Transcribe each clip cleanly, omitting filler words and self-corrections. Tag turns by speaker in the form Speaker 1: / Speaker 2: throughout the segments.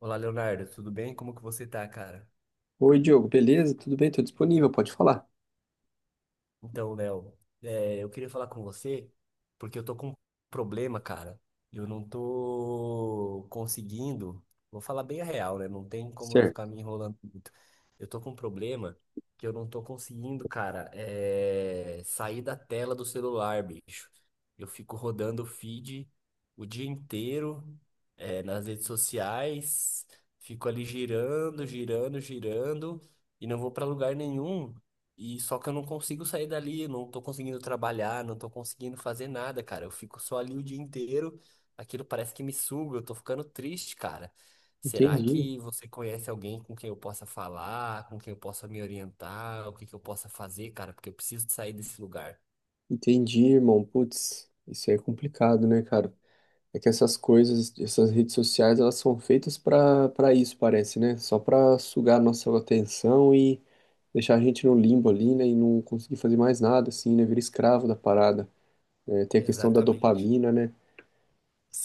Speaker 1: Olá, Leonardo, tudo bem? Como que você tá, cara?
Speaker 2: Oi, Diogo, beleza? Tudo bem? Tô disponível, pode falar.
Speaker 1: Então, Léo, eu queria falar com você porque eu tô com um problema, cara. Eu não tô conseguindo. Vou falar bem a real, né? Não tem como eu ficar
Speaker 2: Certo.
Speaker 1: me enrolando muito. Eu tô com um problema que eu não tô conseguindo, cara, sair da tela do celular, bicho. Eu fico rodando o feed o dia inteiro, nas redes sociais, fico ali girando, girando, girando e não vou pra lugar nenhum. E só que eu não consigo sair dali, não tô conseguindo trabalhar, não tô conseguindo fazer nada, cara. Eu fico só ali o dia inteiro, aquilo parece que me suga, eu tô ficando triste, cara. Será
Speaker 2: Entendi,
Speaker 1: que você conhece alguém com quem eu possa falar, com quem eu possa me orientar, o que que eu possa fazer, cara? Porque eu preciso de sair desse lugar.
Speaker 2: entendi, irmão. Putz, isso aí é complicado, né, cara? É que essas coisas, essas redes sociais, elas são feitas pra para isso, parece, né? Só pra sugar a nossa atenção e deixar a gente no limbo ali, né? E não conseguir fazer mais nada, assim, né? Vira escravo da parada. É, tem a
Speaker 1: É,
Speaker 2: questão da
Speaker 1: exatamente.
Speaker 2: dopamina, né?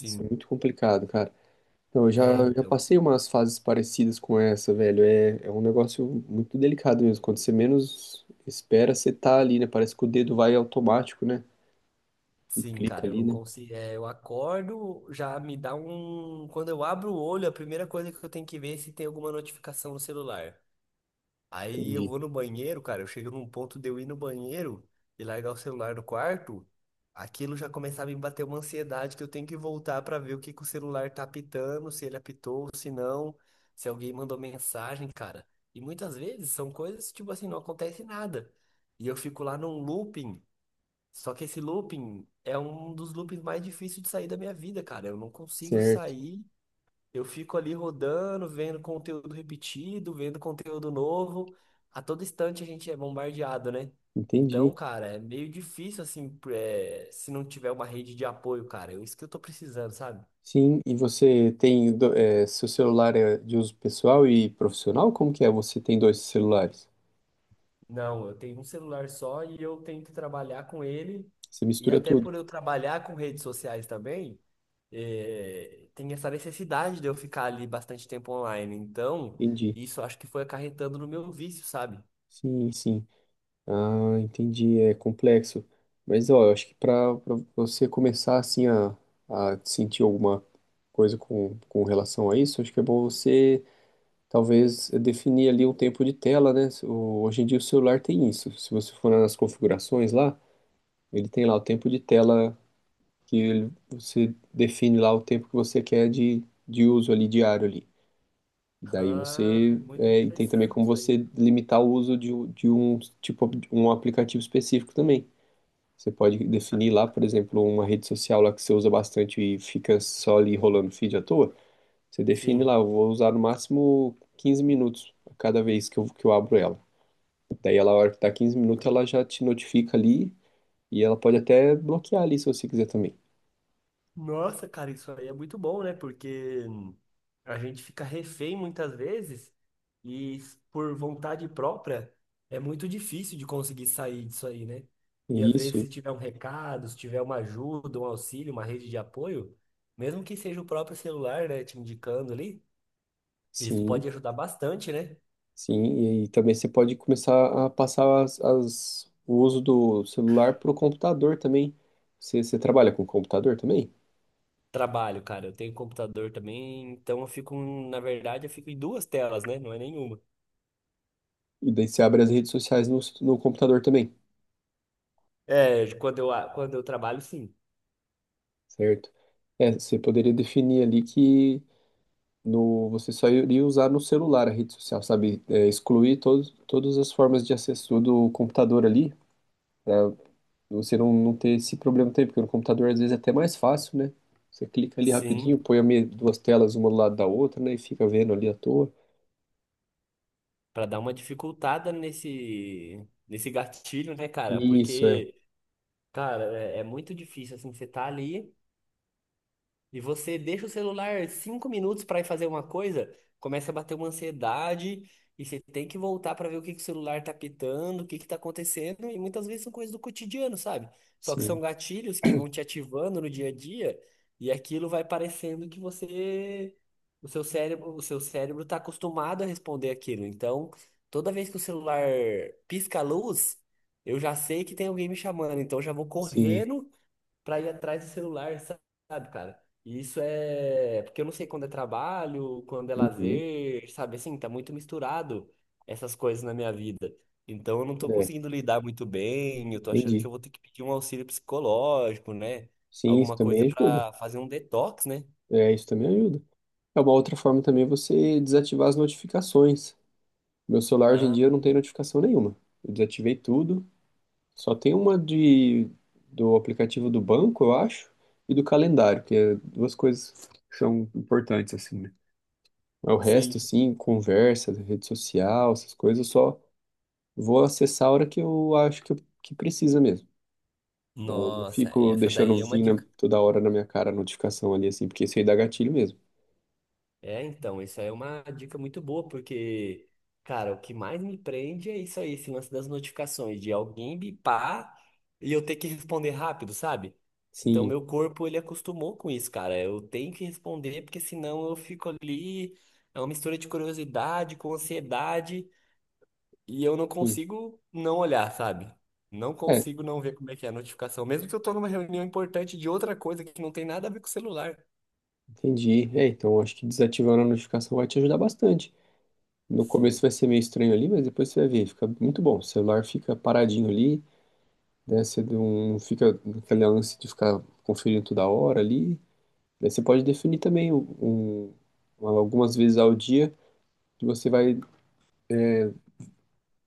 Speaker 2: Isso é muito complicado, cara. Então, eu já,
Speaker 1: É,
Speaker 2: eu já
Speaker 1: então.
Speaker 2: passei umas fases parecidas com essa, velho. É, é um negócio muito delicado mesmo. Quando você menos espera, você tá ali, né? Parece que o dedo vai automático, né? E
Speaker 1: Sim,
Speaker 2: clica
Speaker 1: cara, eu
Speaker 2: ali,
Speaker 1: não
Speaker 2: né?
Speaker 1: consigo. Eu acordo, já me dá um. Quando eu abro o olho, a primeira coisa que eu tenho que ver é se tem alguma notificação no celular. Aí eu
Speaker 2: Entendi.
Speaker 1: vou no banheiro, cara. Eu chego num ponto de eu ir no banheiro e largar o celular no quarto. Aquilo já começava a me bater uma ansiedade que eu tenho que voltar pra ver o que que o celular tá apitando, se ele apitou, se não, se alguém mandou mensagem, cara. E muitas vezes são coisas tipo assim, não acontece nada. E eu fico lá num looping. Só que esse looping é um dos loopings mais difíceis de sair da minha vida, cara. Eu não consigo
Speaker 2: Certo,
Speaker 1: sair, eu fico ali rodando, vendo conteúdo repetido, vendo conteúdo novo. A todo instante a gente é bombardeado, né?
Speaker 2: entendi.
Speaker 1: Então, cara, é meio difícil, assim, se não tiver uma rede de apoio, cara. É isso que eu tô precisando, sabe?
Speaker 2: Sim, e você tem, é, seu celular é de uso pessoal e profissional? Como que é? Você tem dois celulares?
Speaker 1: Não, eu tenho um celular só e eu tenho que trabalhar com ele.
Speaker 2: Você
Speaker 1: E
Speaker 2: mistura
Speaker 1: até
Speaker 2: tudo.
Speaker 1: por eu trabalhar com redes sociais também, tem essa necessidade de eu ficar ali bastante tempo online. Então,
Speaker 2: Entendi.
Speaker 1: isso acho que foi acarretando no meu vício, sabe?
Speaker 2: Sim, sim. Ah, entendi, é complexo. Mas ó, eu acho que para você começar assim a sentir alguma coisa com relação a isso, acho que é bom você talvez definir ali um tempo de tela, né? Hoje em dia o celular tem isso. Se você for nas configurações lá, ele tem lá o tempo de tela que você define lá o tempo que você quer de uso ali diário ali. E daí
Speaker 1: Ah, é
Speaker 2: você
Speaker 1: muito
Speaker 2: é, e tem também
Speaker 1: interessante
Speaker 2: como
Speaker 1: isso
Speaker 2: você
Speaker 1: aí.
Speaker 2: limitar o uso de, de um tipo de um aplicativo específico também. Você pode definir lá, por exemplo, uma rede social lá que você usa bastante e fica só ali rolando feed à toa. Você define
Speaker 1: Sim.
Speaker 2: lá, eu vou usar no máximo 15 minutos a cada vez que eu abro ela. Daí ela, a hora que tá 15 minutos, ela já te notifica ali e ela pode até bloquear ali se você quiser também.
Speaker 1: Nossa, cara, isso aí é muito bom, né? Porque a gente fica refém muitas vezes e por vontade própria é muito difícil de conseguir sair disso aí, né? E às vezes
Speaker 2: Isso,
Speaker 1: se tiver um recado, se tiver uma ajuda, um auxílio, uma rede de apoio, mesmo que seja o próprio celular, né, te indicando ali, isso
Speaker 2: sim,
Speaker 1: pode ajudar bastante, né?
Speaker 2: sim. E também você pode começar a passar as, o uso do celular para o computador também. Você trabalha com computador também?
Speaker 1: Trabalho, cara, eu tenho computador também, então eu fico, na verdade, eu fico em duas telas, né? Não é nenhuma.
Speaker 2: E daí você abre as redes sociais no, no computador também.
Speaker 1: É, quando eu trabalho, sim.
Speaker 2: Certo. É, você poderia definir ali que no, você só iria usar no celular a rede social, sabe? É, excluir todos, todas as formas de acesso do computador ali, para você não, não ter esse problema também, porque no computador às vezes é até mais fácil, né? Você clica ali rapidinho,
Speaker 1: Sim,
Speaker 2: põe a duas telas uma do lado da outra, né? E fica vendo ali à toa.
Speaker 1: pra dar uma dificultada nesse gatilho, né, cara?
Speaker 2: Isso, é.
Speaker 1: Porque, cara, é muito difícil assim, você tá ali. E você deixa o celular 5 minutos para ir fazer uma coisa, começa a bater uma ansiedade e você tem que voltar para ver o que que o celular tá pitando, o que que tá acontecendo, e muitas vezes são coisas do cotidiano, sabe? Só que
Speaker 2: Sim,
Speaker 1: são gatilhos que vão te ativando no dia a dia e aquilo vai parecendo que você o seu cérebro tá acostumado a responder aquilo. Então, toda vez que o celular pisca a luz, eu já sei que tem alguém me chamando, então eu já vou
Speaker 2: sim.
Speaker 1: correndo para ir atrás do celular, sabe, cara? E isso é. Porque eu não sei quando é trabalho, quando é
Speaker 2: Uhum.
Speaker 1: lazer, sabe? Assim, tá muito misturado essas coisas na minha vida. Então eu não tô
Speaker 2: É,
Speaker 1: conseguindo lidar muito bem, eu tô achando que
Speaker 2: entendi.
Speaker 1: eu vou ter que pedir um auxílio psicológico, né?
Speaker 2: Sim, isso
Speaker 1: Alguma coisa
Speaker 2: também ajuda.
Speaker 1: pra fazer um detox, né?
Speaker 2: É, isso também ajuda. É uma outra forma também você desativar as notificações. Meu celular hoje em dia
Speaker 1: Ah,
Speaker 2: não tem notificação nenhuma. Eu desativei tudo. Só tem uma de do aplicativo do banco, eu acho, e do calendário, que é duas coisas que são importantes assim, né? Mas o resto,
Speaker 1: sim.
Speaker 2: assim, conversa, rede social, essas coisas, eu só vou acessar a hora que eu acho que, que precisa mesmo. Eu não
Speaker 1: Nossa,
Speaker 2: fico
Speaker 1: essa
Speaker 2: deixando
Speaker 1: daí é uma
Speaker 2: vir
Speaker 1: dica.
Speaker 2: toda hora na minha cara a notificação ali, assim, porque isso aí dá gatilho mesmo.
Speaker 1: É, então, isso aí é uma dica muito boa, porque, cara, o que mais me prende é isso aí, esse lance das notificações, de alguém bipar e eu ter que responder rápido, sabe? Então,
Speaker 2: Sim,
Speaker 1: meu corpo, ele acostumou com isso, cara. Eu tenho que responder, porque senão eu fico ali, é uma mistura de curiosidade com ansiedade, e eu não
Speaker 2: sim.
Speaker 1: consigo não olhar, sabe? Não
Speaker 2: É,
Speaker 1: consigo não ver como é que é a notificação, mesmo que eu tô numa reunião importante de outra coisa que não tem nada a ver com o celular.
Speaker 2: entendi. É, então acho que desativando a notificação vai te ajudar bastante. No começo
Speaker 1: Sim,
Speaker 2: vai ser meio estranho ali, mas depois você vai ver, fica muito bom. O celular fica paradinho ali, né? Você não fica naquele lance de ficar conferindo toda hora ali. Daí você pode definir também um, algumas vezes ao dia que você vai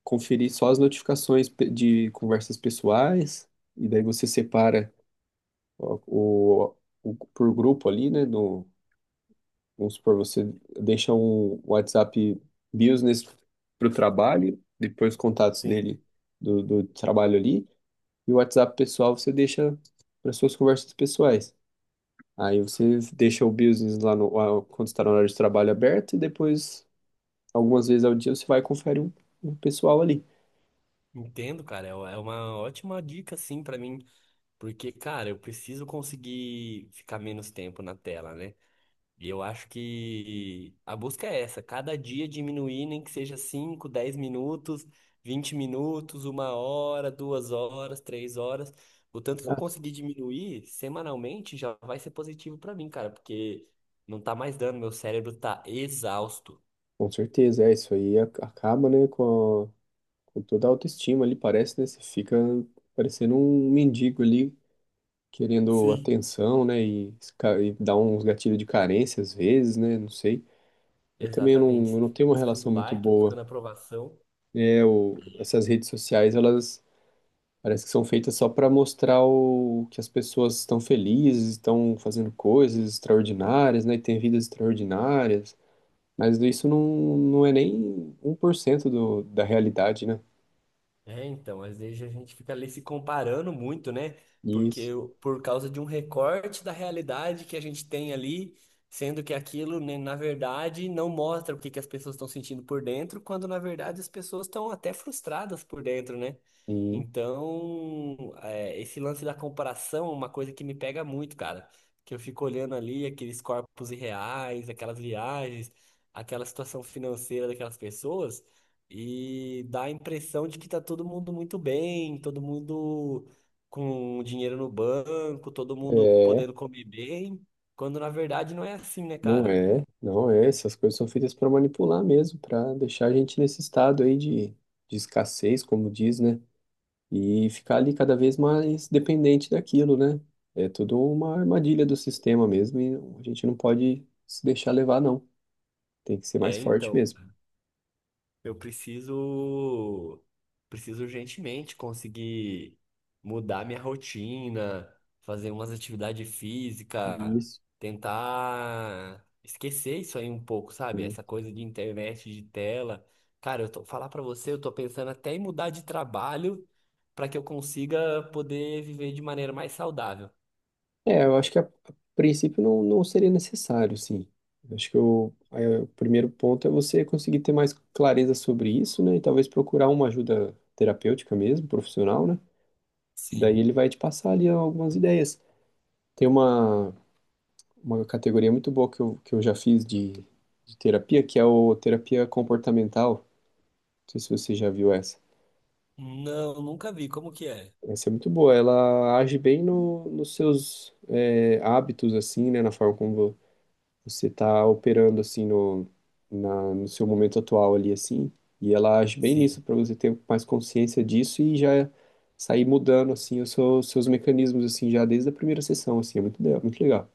Speaker 2: conferir só as notificações de conversas pessoais, e daí você separa o, por grupo ali, né? No, vamos supor, você deixa um WhatsApp Business para o trabalho, depois os contatos
Speaker 1: sim.
Speaker 2: dele do, do trabalho ali, e o WhatsApp pessoal você deixa para suas conversas pessoais. Aí você deixa o business lá no, quando está na hora de trabalho aberto, e depois, algumas vezes ao dia, você vai e confere um, um pessoal ali.
Speaker 1: Entendo, cara. É uma ótima dica, sim, pra mim, porque, cara, eu preciso conseguir ficar menos tempo na tela, né? E eu acho que a busca é essa, cada dia diminuir, nem que seja cinco, 10 minutos, 20 minutos, 1 hora, 2 horas, 3 horas. O tanto que eu
Speaker 2: Ah,
Speaker 1: conseguir diminuir semanalmente já vai ser positivo pra mim, cara, porque não tá mais dando, meu cérebro tá exausto.
Speaker 2: com certeza, é isso aí acaba, né, com, com toda a autoestima ali, parece, né? Você fica parecendo um mendigo ali querendo
Speaker 1: Sim.
Speaker 2: atenção, né? E, e dá uns gatilhos de carência às vezes, né? Não sei. Eu também
Speaker 1: Exatamente.
Speaker 2: não, eu
Speaker 1: Você
Speaker 2: não
Speaker 1: fica
Speaker 2: tenho uma
Speaker 1: buscando
Speaker 2: relação muito
Speaker 1: like,
Speaker 2: boa.
Speaker 1: buscando aprovação.
Speaker 2: É, o, essas redes sociais, elas parece que são feitas só para mostrar o, que as pessoas estão felizes, estão fazendo coisas extraordinárias, né? E têm vidas extraordinárias. Mas isso não, não é nem um por cento do, da realidade, né?
Speaker 1: É, então, às vezes a gente fica ali se comparando muito, né?
Speaker 2: Isso.
Speaker 1: Por causa de um recorte da realidade que a gente tem ali, sendo que aquilo, né, na verdade, não mostra o que que as pessoas estão sentindo por dentro, quando na verdade as pessoas estão até frustradas por dentro, né?
Speaker 2: Sim.
Speaker 1: Então, esse lance da comparação é uma coisa que me pega muito, cara. Que eu fico olhando ali aqueles corpos irreais, aquelas viagens, aquela situação financeira daquelas pessoas. E dá a impressão de que tá todo mundo muito bem, todo mundo com dinheiro no banco, todo mundo
Speaker 2: É,
Speaker 1: podendo comer bem, quando na verdade não é assim, né,
Speaker 2: não
Speaker 1: cara?
Speaker 2: é, não é. Essas coisas são feitas para manipular mesmo, para deixar a gente nesse estado aí de escassez, como diz, né? E ficar ali cada vez mais dependente daquilo, né? É tudo uma armadilha do sistema mesmo e a gente não pode se deixar levar, não. Tem que ser mais
Speaker 1: É,
Speaker 2: forte
Speaker 1: então.
Speaker 2: mesmo.
Speaker 1: Eu preciso, preciso urgentemente conseguir mudar minha rotina, fazer umas atividades físicas,
Speaker 2: Isso.
Speaker 1: tentar esquecer isso aí um pouco, sabe?
Speaker 2: Sim.
Speaker 1: Essa coisa de internet, de tela. Cara, eu tô falar pra você, eu tô pensando até em mudar de trabalho para que eu consiga poder viver de maneira mais saudável.
Speaker 2: É, eu acho que a princípio não, não seria necessário, sim. Eu acho que o, aí o primeiro ponto é você conseguir ter mais clareza sobre isso, né? E talvez procurar uma ajuda terapêutica mesmo, profissional, né? Daí
Speaker 1: Sim.
Speaker 2: ele vai te passar ali algumas ideias. Tem uma categoria muito boa que eu já fiz de terapia, que é o terapia comportamental. Não sei se você já viu essa.
Speaker 1: Não, nunca vi. Como que é?
Speaker 2: Essa é muito boa. Ela age bem no, nos seus é, hábitos, assim, né? Na forma como você está operando, assim, no, na, no seu momento atual ali, assim. E ela age bem
Speaker 1: Sim.
Speaker 2: nisso, para você ter mais consciência disso e já sair mudando, assim, os seus, seus mecanismos, assim, já desde a primeira sessão, assim. É muito, muito legal.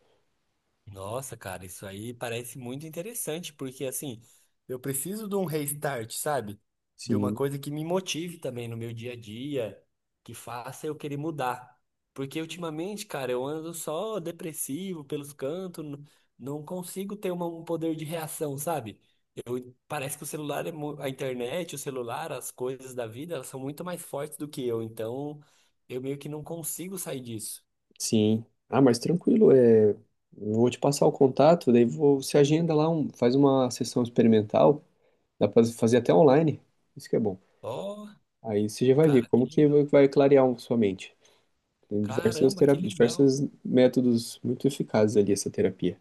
Speaker 1: Nossa, cara, isso aí parece muito interessante, porque assim, eu preciso de um restart, sabe? De uma
Speaker 2: Sim.
Speaker 1: coisa que me motive também no meu dia a dia, que faça eu querer mudar. Porque ultimamente, cara, eu ando só depressivo pelos cantos, não consigo ter um poder de reação, sabe? Eu, parece que o celular a internet, o celular, as coisas da vida, elas são muito mais fortes do que eu, então eu meio que não consigo sair disso.
Speaker 2: Sim. Ah, mas tranquilo, é... eu vou te passar o contato, daí você agenda lá, faz uma sessão experimental, dá pra fazer até online, isso que é bom.
Speaker 1: Ó,
Speaker 2: Aí você já vai ver
Speaker 1: cara, que
Speaker 2: como que
Speaker 1: legal.
Speaker 2: vai clarear sua mente. Tem diversas
Speaker 1: Caramba,
Speaker 2: tera...
Speaker 1: que legal.
Speaker 2: diversos métodos muito eficazes ali essa terapia.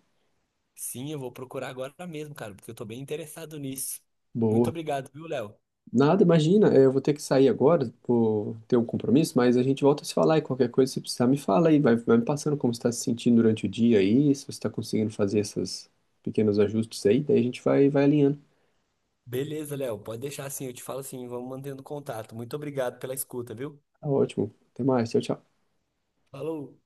Speaker 1: Sim, eu vou procurar agora mesmo, cara, porque eu tô bem interessado nisso. Muito
Speaker 2: Boa.
Speaker 1: obrigado, viu, Léo?
Speaker 2: Nada, imagina, é, eu vou ter que sair agora, vou ter um compromisso, mas a gente volta a se falar e qualquer coisa, se precisar, me fala aí, vai, vai me passando como você está se sentindo durante o dia aí, se você está conseguindo fazer esses pequenos ajustes aí, daí a gente vai alinhando.
Speaker 1: Beleza, Léo, pode deixar assim, eu te falo assim, vamos mantendo contato. Muito obrigado pela escuta, viu?
Speaker 2: Tá ótimo. Até mais. Tchau, tchau.
Speaker 1: Falou!